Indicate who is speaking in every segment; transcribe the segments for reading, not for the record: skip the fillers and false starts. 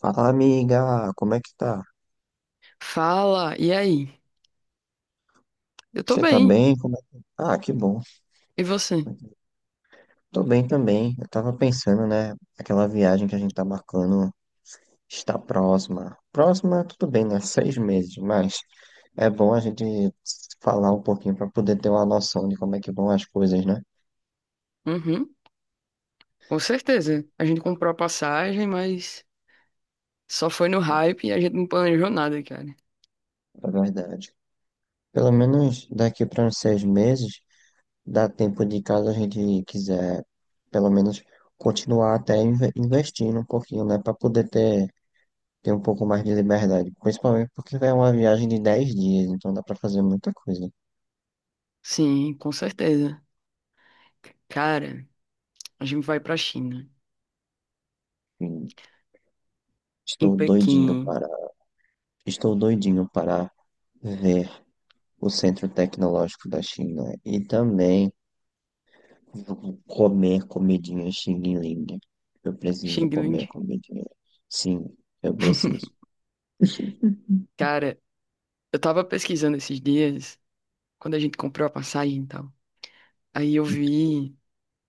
Speaker 1: Fala, amiga. Como é que tá?
Speaker 2: Fala, e aí? Eu tô
Speaker 1: Você tá
Speaker 2: bem.
Speaker 1: bem? Ah, que bom.
Speaker 2: E você?
Speaker 1: Tô bem também. Eu tava pensando, né? Aquela viagem que a gente tá marcando está próxima. Próxima, tudo bem, né? 6 meses, mas é bom a gente falar um pouquinho pra poder ter uma noção de como é que vão as coisas, né?
Speaker 2: Uhum, com certeza. A gente comprou a passagem, mas só foi no hype e a gente não planejou nada, cara.
Speaker 1: Na verdade, pelo menos daqui para uns 6 meses, dá tempo de, caso a gente quiser, pelo menos, continuar até investindo um pouquinho, né? Pra poder ter um pouco mais de liberdade, principalmente porque é uma viagem de 10 dias, então dá para fazer muita coisa.
Speaker 2: Sim, com certeza. Cara, a gente vai pra China,
Speaker 1: E
Speaker 2: em
Speaker 1: estou doidinho
Speaker 2: Pequim,
Speaker 1: para, estou doidinho para ver o Centro Tecnológico da China e também comer comidinha Xing Ling. Eu preciso
Speaker 2: Xinglin.
Speaker 1: comer comidinha. Sim, eu preciso.
Speaker 2: Cara, eu tava pesquisando esses dias, quando a gente comprou a passagem e tal. Aí eu vi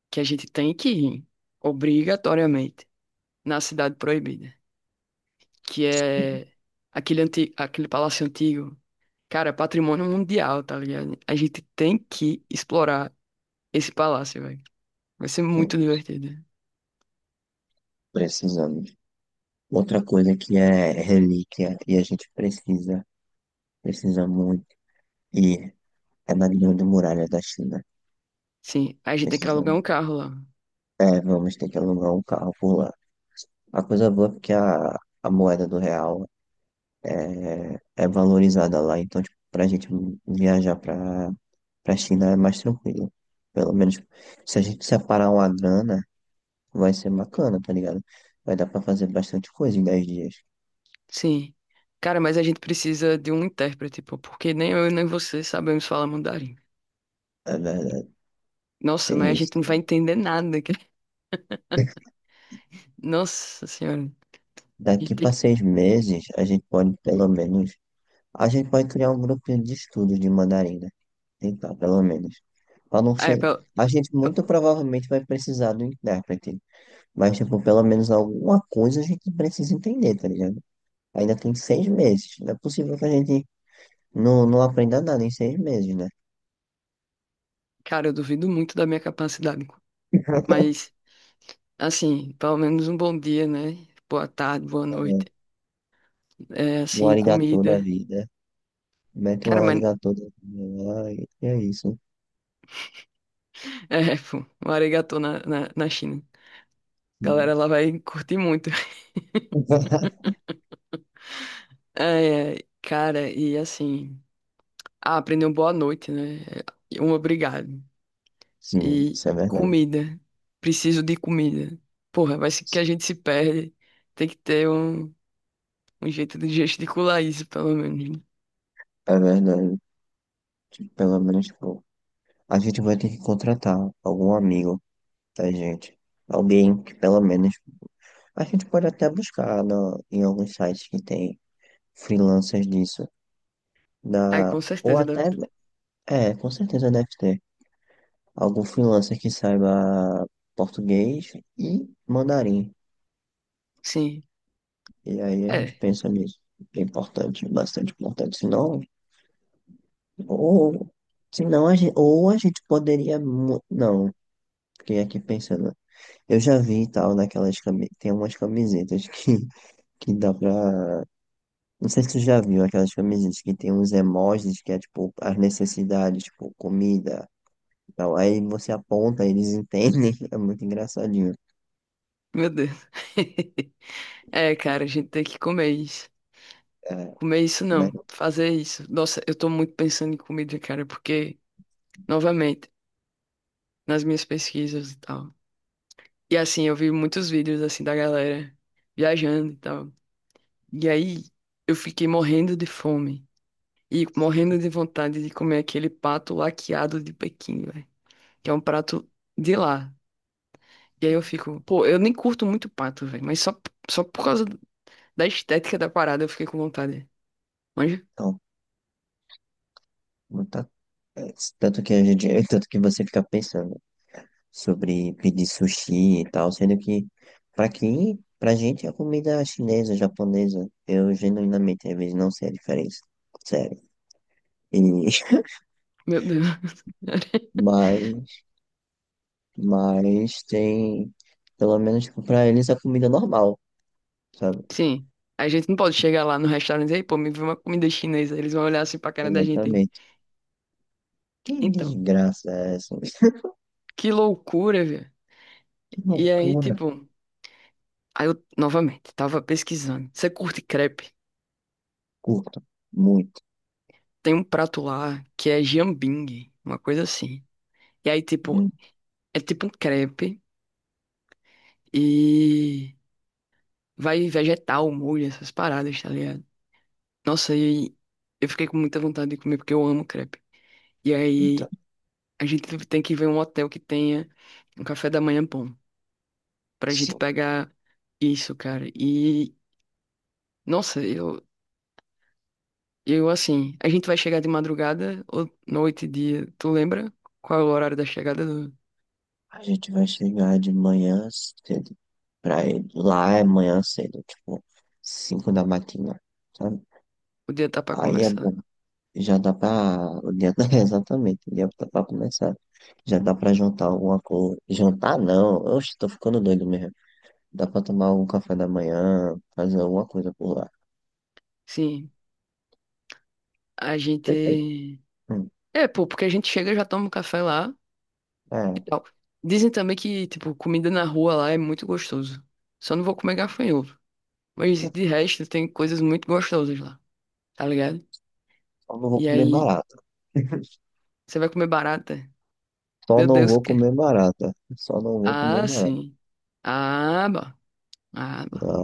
Speaker 2: que a gente tem que ir, obrigatoriamente, na Cidade Proibida, que é aquele palácio antigo. Cara, é patrimônio mundial, tá ligado? A gente tem que explorar esse palácio, velho. Vai ser muito
Speaker 1: Temos,
Speaker 2: divertido.
Speaker 1: precisamos. Outra coisa que é relíquia e a gente precisa muito, e é na Grande Muralha da China.
Speaker 2: Sim, a gente tem que alugar
Speaker 1: Precisamos.
Speaker 2: um carro lá.
Speaker 1: É, vamos ter que alugar um carro por lá. A coisa boa é porque a moeda do real é valorizada lá, então, tipo, pra gente viajar pra, pra China é mais tranquilo. Pelo menos se a gente separar uma grana, vai ser bacana, tá ligado? Vai dar pra fazer bastante coisa em 10 dias.
Speaker 2: Sim. Cara, mas a gente precisa de um intérprete, pô, porque nem eu nem você sabemos falar mandarim.
Speaker 1: É verdade,
Speaker 2: Nossa, mas
Speaker 1: tem
Speaker 2: a
Speaker 1: isso.
Speaker 2: gente não vai entender nada, cara. Nossa senhora. A gente
Speaker 1: Daqui
Speaker 2: tem...
Speaker 1: pra
Speaker 2: que-
Speaker 1: 6 meses, a gente pode pelo menos... a gente pode criar um grupinho de estudos de mandarim, né? Tentar, pelo menos, para não
Speaker 2: É,
Speaker 1: chegar...
Speaker 2: pe-
Speaker 1: A gente
Speaker 2: pe-
Speaker 1: muito provavelmente vai precisar do intérprete. Mas, tipo, pelo menos alguma coisa a gente precisa entender, tá ligado? Ainda tem 6 meses. Não é possível que a gente não aprenda nada em 6 meses, né?
Speaker 2: Cara, eu duvido muito da minha capacidade, mas, assim, pelo menos um bom dia, né? Boa tarde, boa noite. É,
Speaker 1: Um
Speaker 2: assim,
Speaker 1: arigatô da
Speaker 2: comida.
Speaker 1: vida. Mete um
Speaker 2: Cara, mas.
Speaker 1: arigatô da vida lá e é isso.
Speaker 2: É, pô, um arigatô na China. Galera,
Speaker 1: Sim.
Speaker 2: ela vai curtir muito. É, cara, e assim, aprendeu boa noite, né? E um obrigado.
Speaker 1: Sim,
Speaker 2: E
Speaker 1: isso é verdade.
Speaker 2: comida. Preciso de comida. Porra, vai ser que a gente se perde. Tem que ter um jeito de gesticular isso, pelo menos, né?
Speaker 1: É verdade. Tipo, pelo menos, tipo, a gente vai ter que contratar algum amigo. Tá, gente? Alguém que pelo menos... A gente pode até buscar em alguns sites que tem freelancers disso.
Speaker 2: Ai, com
Speaker 1: Ou
Speaker 2: certeza, deve
Speaker 1: até...
Speaker 2: ter.
Speaker 1: É, com certeza deve ter. Algum freelancer que saiba português e mandarim.
Speaker 2: Sim.
Speaker 1: E aí a gente
Speaker 2: É,
Speaker 1: pensa nisso. É importante, bastante importante. Senão... Ou... Senão a gente, ou a gente poderia... Não, fiquei aqui pensando. Eu já vi e tal naquelas camisetas. Tem umas camisetas que, que dá pra... Não sei se tu já viu aquelas camisetas que tem uns emojis que é tipo as necessidades, tipo comida e tal. Aí você aponta, eles entendem. É muito engraçadinho.
Speaker 2: meu Deus. É, cara, a gente tem que comer isso.
Speaker 1: É,
Speaker 2: Comer isso
Speaker 1: mas
Speaker 2: não,
Speaker 1: não,
Speaker 2: fazer isso. Nossa, eu tô muito pensando em comida, cara, porque, novamente, nas minhas pesquisas e tal. E assim, eu vi muitos vídeos assim da galera viajando e tal. E aí eu fiquei morrendo de fome e morrendo de vontade de comer aquele pato laqueado de Pequim, velho, que é um prato de lá. E aí eu fico, pô, eu nem curto muito pato, velho, mas só por causa da estética da parada eu fiquei com vontade. Manja?
Speaker 1: tá, não tá, é, tanto que a gente, tanto que você fica pensando sobre pedir sushi e tal, sendo que pra gente a comida chinesa, japonesa, eu genuinamente às vezes não sei a diferença. Sério. E,
Speaker 2: Meu Deus.
Speaker 1: mas, mas tem, pelo menos tipo, pra eles a comida normal, sabe?
Speaker 2: Sim. A gente não pode
Speaker 1: Tipo,
Speaker 2: chegar lá no restaurante e dizer, "Ei, pô, me vê uma comida chinesa." Eles vão olhar assim pra cara da gente.
Speaker 1: exatamente. Que
Speaker 2: Então,
Speaker 1: desgraça é essa?
Speaker 2: que loucura, velho.
Speaker 1: Que
Speaker 2: E aí,
Speaker 1: loucura.
Speaker 2: tipo, aí eu novamente tava pesquisando. Você curte crepe?
Speaker 1: Curto, muito,
Speaker 2: Tem um prato lá que é jambing, uma coisa assim. E aí, tipo,
Speaker 1: muito.
Speaker 2: é tipo um crepe e vai vegetal, molho, essas paradas, tá ligado? Nossa, e eu fiquei com muita vontade de comer porque eu amo crepe. E
Speaker 1: Então,
Speaker 2: aí, a gente tem que ver um hotel que tenha um café da manhã bom pra gente
Speaker 1: sim,
Speaker 2: pegar isso, cara. E, nossa, eu, assim, a gente vai chegar de madrugada ou noite dia. Tu lembra qual é o horário da chegada do
Speaker 1: a gente vai chegar de manhã cedo pra ir lá, é manhã cedo, tipo, 5 da matina, sabe?
Speaker 2: o dia tá pra
Speaker 1: Aí é
Speaker 2: começar?
Speaker 1: bom, já dá pra, o dia, tá, exatamente, o dia tá pra começar. Já dá pra jantar alguma coisa. Jantar não, oxe, tô ficando doido mesmo. Dá pra tomar algum café da manhã, fazer alguma coisa por lá.
Speaker 2: Sim, a gente.
Speaker 1: Você tem? Hum,
Speaker 2: É, pô, porque a gente chega, já toma um café lá e
Speaker 1: é.
Speaker 2: tal. Dizem também que, tipo, comida na rua lá é muito gostoso. Só não vou comer gafanhoto. Mas de resto, tem coisas muito gostosas lá, tá ligado?
Speaker 1: Só não vou
Speaker 2: E
Speaker 1: comer
Speaker 2: aí,
Speaker 1: barata.
Speaker 2: você vai comer barata?
Speaker 1: Só
Speaker 2: Meu
Speaker 1: não
Speaker 2: Deus,
Speaker 1: vou
Speaker 2: que.
Speaker 1: comer barata. Só não vou comer
Speaker 2: Ah,
Speaker 1: barata.
Speaker 2: sim. Ah, bah. Ah, bah.
Speaker 1: Ah,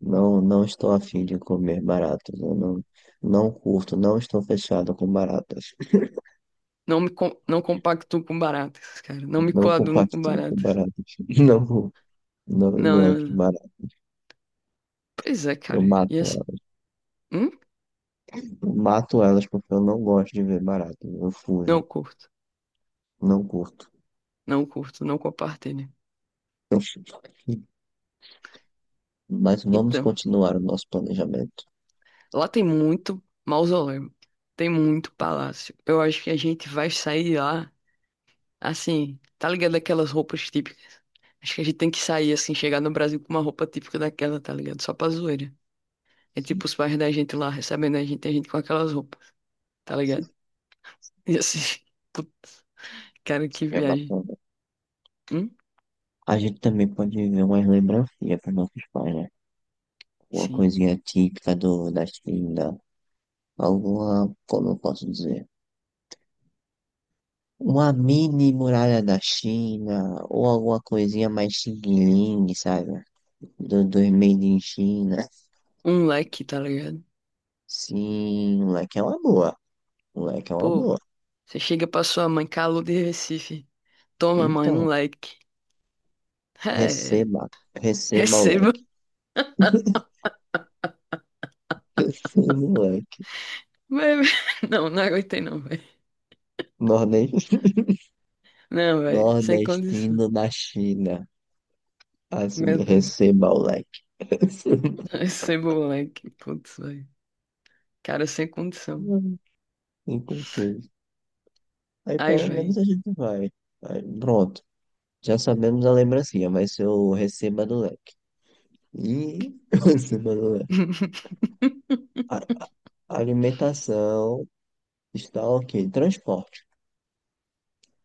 Speaker 1: não, não estou afim de comer baratas. Eu não curto, não estou fechado com baratas.
Speaker 2: Não compacto com baratas, cara. Não me
Speaker 1: Não
Speaker 2: coaduno com
Speaker 1: compartilho com
Speaker 2: baratas.
Speaker 1: baratas. Não, não
Speaker 2: Não, não,
Speaker 1: gosto de
Speaker 2: não.
Speaker 1: baratas.
Speaker 2: Pois é,
Speaker 1: Eu
Speaker 2: cara.
Speaker 1: mato
Speaker 2: E assim,
Speaker 1: elas.
Speaker 2: hum?
Speaker 1: Eu mato elas porque eu não gosto de ver baratas. Eu
Speaker 2: Não
Speaker 1: fujo.
Speaker 2: curto.
Speaker 1: Não curto.
Speaker 2: Não curto, não compartilho.
Speaker 1: Mas vamos
Speaker 2: Então,
Speaker 1: continuar o nosso planejamento.
Speaker 2: lá tem muito mausoléu. Tem muito palácio. Eu acho que a gente vai sair de lá, assim, tá ligado aquelas roupas típicas? Acho que a gente tem que sair, assim, chegar no Brasil com uma roupa típica daquela, tá ligado? Só pra zoeira. É tipo os pais da gente lá recebendo a gente com aquelas roupas, tá ligado? E assim, put- cara, que
Speaker 1: Seria
Speaker 2: viagem.
Speaker 1: bacana.
Speaker 2: Hum?
Speaker 1: A gente também pode ver umas lembrancinhas para nossos pais, né? Uma
Speaker 2: Sim.
Speaker 1: coisinha típica da China, alguma, como eu posso dizer, uma mini muralha da China, ou alguma coisinha mais xing-ling, sabe? Do Made in China.
Speaker 2: Um leque, tá ligado?
Speaker 1: Sim, moleque, é uma boa. Moleque, é uma
Speaker 2: Pô,
Speaker 1: boa.
Speaker 2: você chega pra sua mãe, calor de Recife. Toma, mãe, um
Speaker 1: Então,
Speaker 2: leque. É,
Speaker 1: receba, receba,
Speaker 2: receba.
Speaker 1: moleque. Moleque,
Speaker 2: Mas- Não, não aguentei não, velho.
Speaker 1: nordestino,
Speaker 2: Não, velho, sem condição.
Speaker 1: nordestino da China. Assim,
Speaker 2: Meu Deus.
Speaker 1: receba, moleque.
Speaker 2: Receba o leque, putz, velho. Cara, sem condição.
Speaker 1: Inclusive... Aí
Speaker 2: Ai,
Speaker 1: pelo
Speaker 2: velho.
Speaker 1: menos a gente vai... Aí, pronto. Já sabemos a lembrancinha, vai ser o receba do leque. E o receba do leque. A, a- a alimentação está ok. Transporte.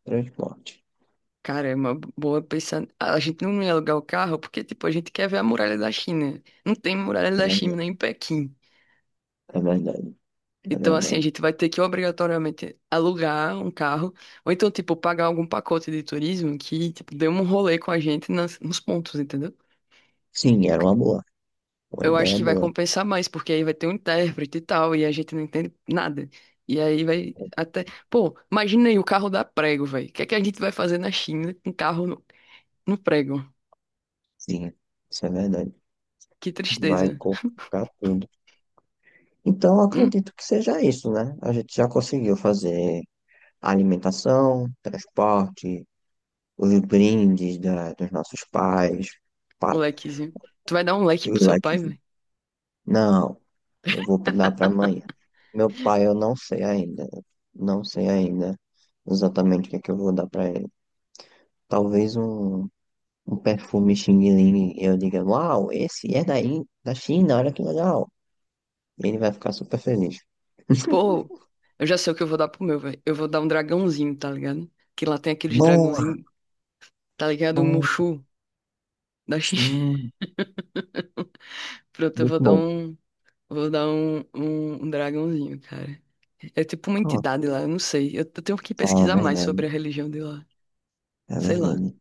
Speaker 1: Transporte.
Speaker 2: Cara, é uma boa pensar. A gente não ia alugar o carro porque, tipo, a gente quer ver a muralha da China. Não tem muralha
Speaker 1: É
Speaker 2: da
Speaker 1: verdade.
Speaker 2: China em Pequim.
Speaker 1: É verdade. É
Speaker 2: Então, assim, a
Speaker 1: verdade.
Speaker 2: gente vai ter que obrigatoriamente alugar um carro, ou então, tipo, pagar algum pacote de turismo que, tipo, dê um rolê com a gente nos pontos, entendeu?
Speaker 1: Sim, era
Speaker 2: Porque
Speaker 1: uma boa. Uma
Speaker 2: eu acho
Speaker 1: ideia
Speaker 2: que vai
Speaker 1: boa.
Speaker 2: compensar mais, porque aí vai ter um intérprete e tal, e a gente não entende nada. E aí vai até. Pô, imagina aí o carro dá prego, velho. O que é que a gente vai fazer na China com carro no prego?
Speaker 1: Sim, isso é verdade.
Speaker 2: Que
Speaker 1: Vai
Speaker 2: tristeza.
Speaker 1: colocar tudo. Então, eu
Speaker 2: Hum,
Speaker 1: acredito que seja isso, né? A gente já conseguiu fazer alimentação, transporte, os brindes dos nossos pais. Pá,
Speaker 2: Molequezinho. Tu vai dar um leque
Speaker 1: eu
Speaker 2: pro
Speaker 1: lá
Speaker 2: seu
Speaker 1: que,
Speaker 2: pai.
Speaker 1: não, eu vou dar para amanhã. Meu pai, eu não sei ainda. Não sei ainda exatamente o que é que eu vou dar para ele. Talvez um perfume Xing Ling, e eu diga, uau, esse é daí, da China, olha que legal. Ele vai ficar super feliz.
Speaker 2: Pô, eu já sei o que eu vou dar pro meu, velho. Eu vou dar um dragãozinho, tá ligado? Que lá tem aqueles
Speaker 1: Boa,
Speaker 2: dragãozinhos, tá ligado? O
Speaker 1: bom,
Speaker 2: Mushu da China.
Speaker 1: sim,
Speaker 2: Pronto, eu vou
Speaker 1: muito
Speaker 2: dar
Speaker 1: bom.
Speaker 2: um. Vou dar um dragãozinho, cara. É tipo uma
Speaker 1: Pronto,
Speaker 2: entidade lá, eu não sei. Eu tenho que
Speaker 1: ah, é
Speaker 2: pesquisar mais
Speaker 1: verdade,
Speaker 2: sobre a religião de lá.
Speaker 1: é
Speaker 2: Sei lá.
Speaker 1: verdade.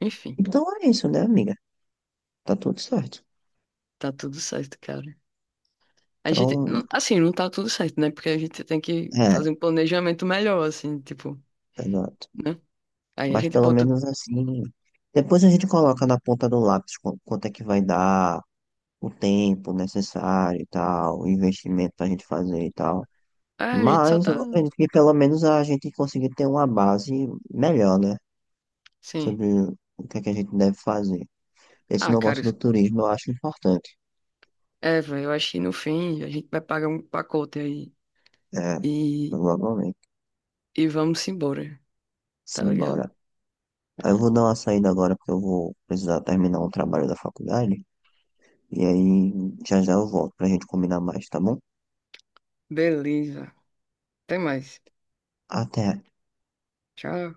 Speaker 2: Enfim,
Speaker 1: Então é isso, né, amiga? Tá tudo certo.
Speaker 2: tá tudo certo, cara. A gente.
Speaker 1: Então,
Speaker 2: Não- Assim, não tá tudo certo, né? Porque a gente tem que
Speaker 1: é.
Speaker 2: fazer um planejamento melhor, assim, tipo,
Speaker 1: Exato.
Speaker 2: né? Aí a
Speaker 1: Mas
Speaker 2: gente
Speaker 1: pelo
Speaker 2: bota.
Speaker 1: menos assim, depois a gente coloca na ponta do lápis quanto é que vai dar, o tempo necessário e tal, o investimento pra gente fazer e tal.
Speaker 2: Ah, a gente só
Speaker 1: Mas
Speaker 2: tá.
Speaker 1: eu acredito que pelo menos a gente conseguir ter uma base melhor, né?
Speaker 2: Sim.
Speaker 1: Sobre o que é que a gente deve fazer. Esse
Speaker 2: Ah, cara.
Speaker 1: negócio do turismo eu acho importante.
Speaker 2: É, velho, eu acho que no fim a gente vai pagar um pacote aí.
Speaker 1: É,
Speaker 2: E,
Speaker 1: provavelmente.
Speaker 2: e vamos embora, tá ligado?
Speaker 1: Simbora. Eu vou dar uma saída agora porque eu vou precisar terminar um trabalho da faculdade. E aí já já eu volto pra gente combinar mais, tá bom?
Speaker 2: Beleza. Até mais.
Speaker 1: Até.
Speaker 2: Tchau.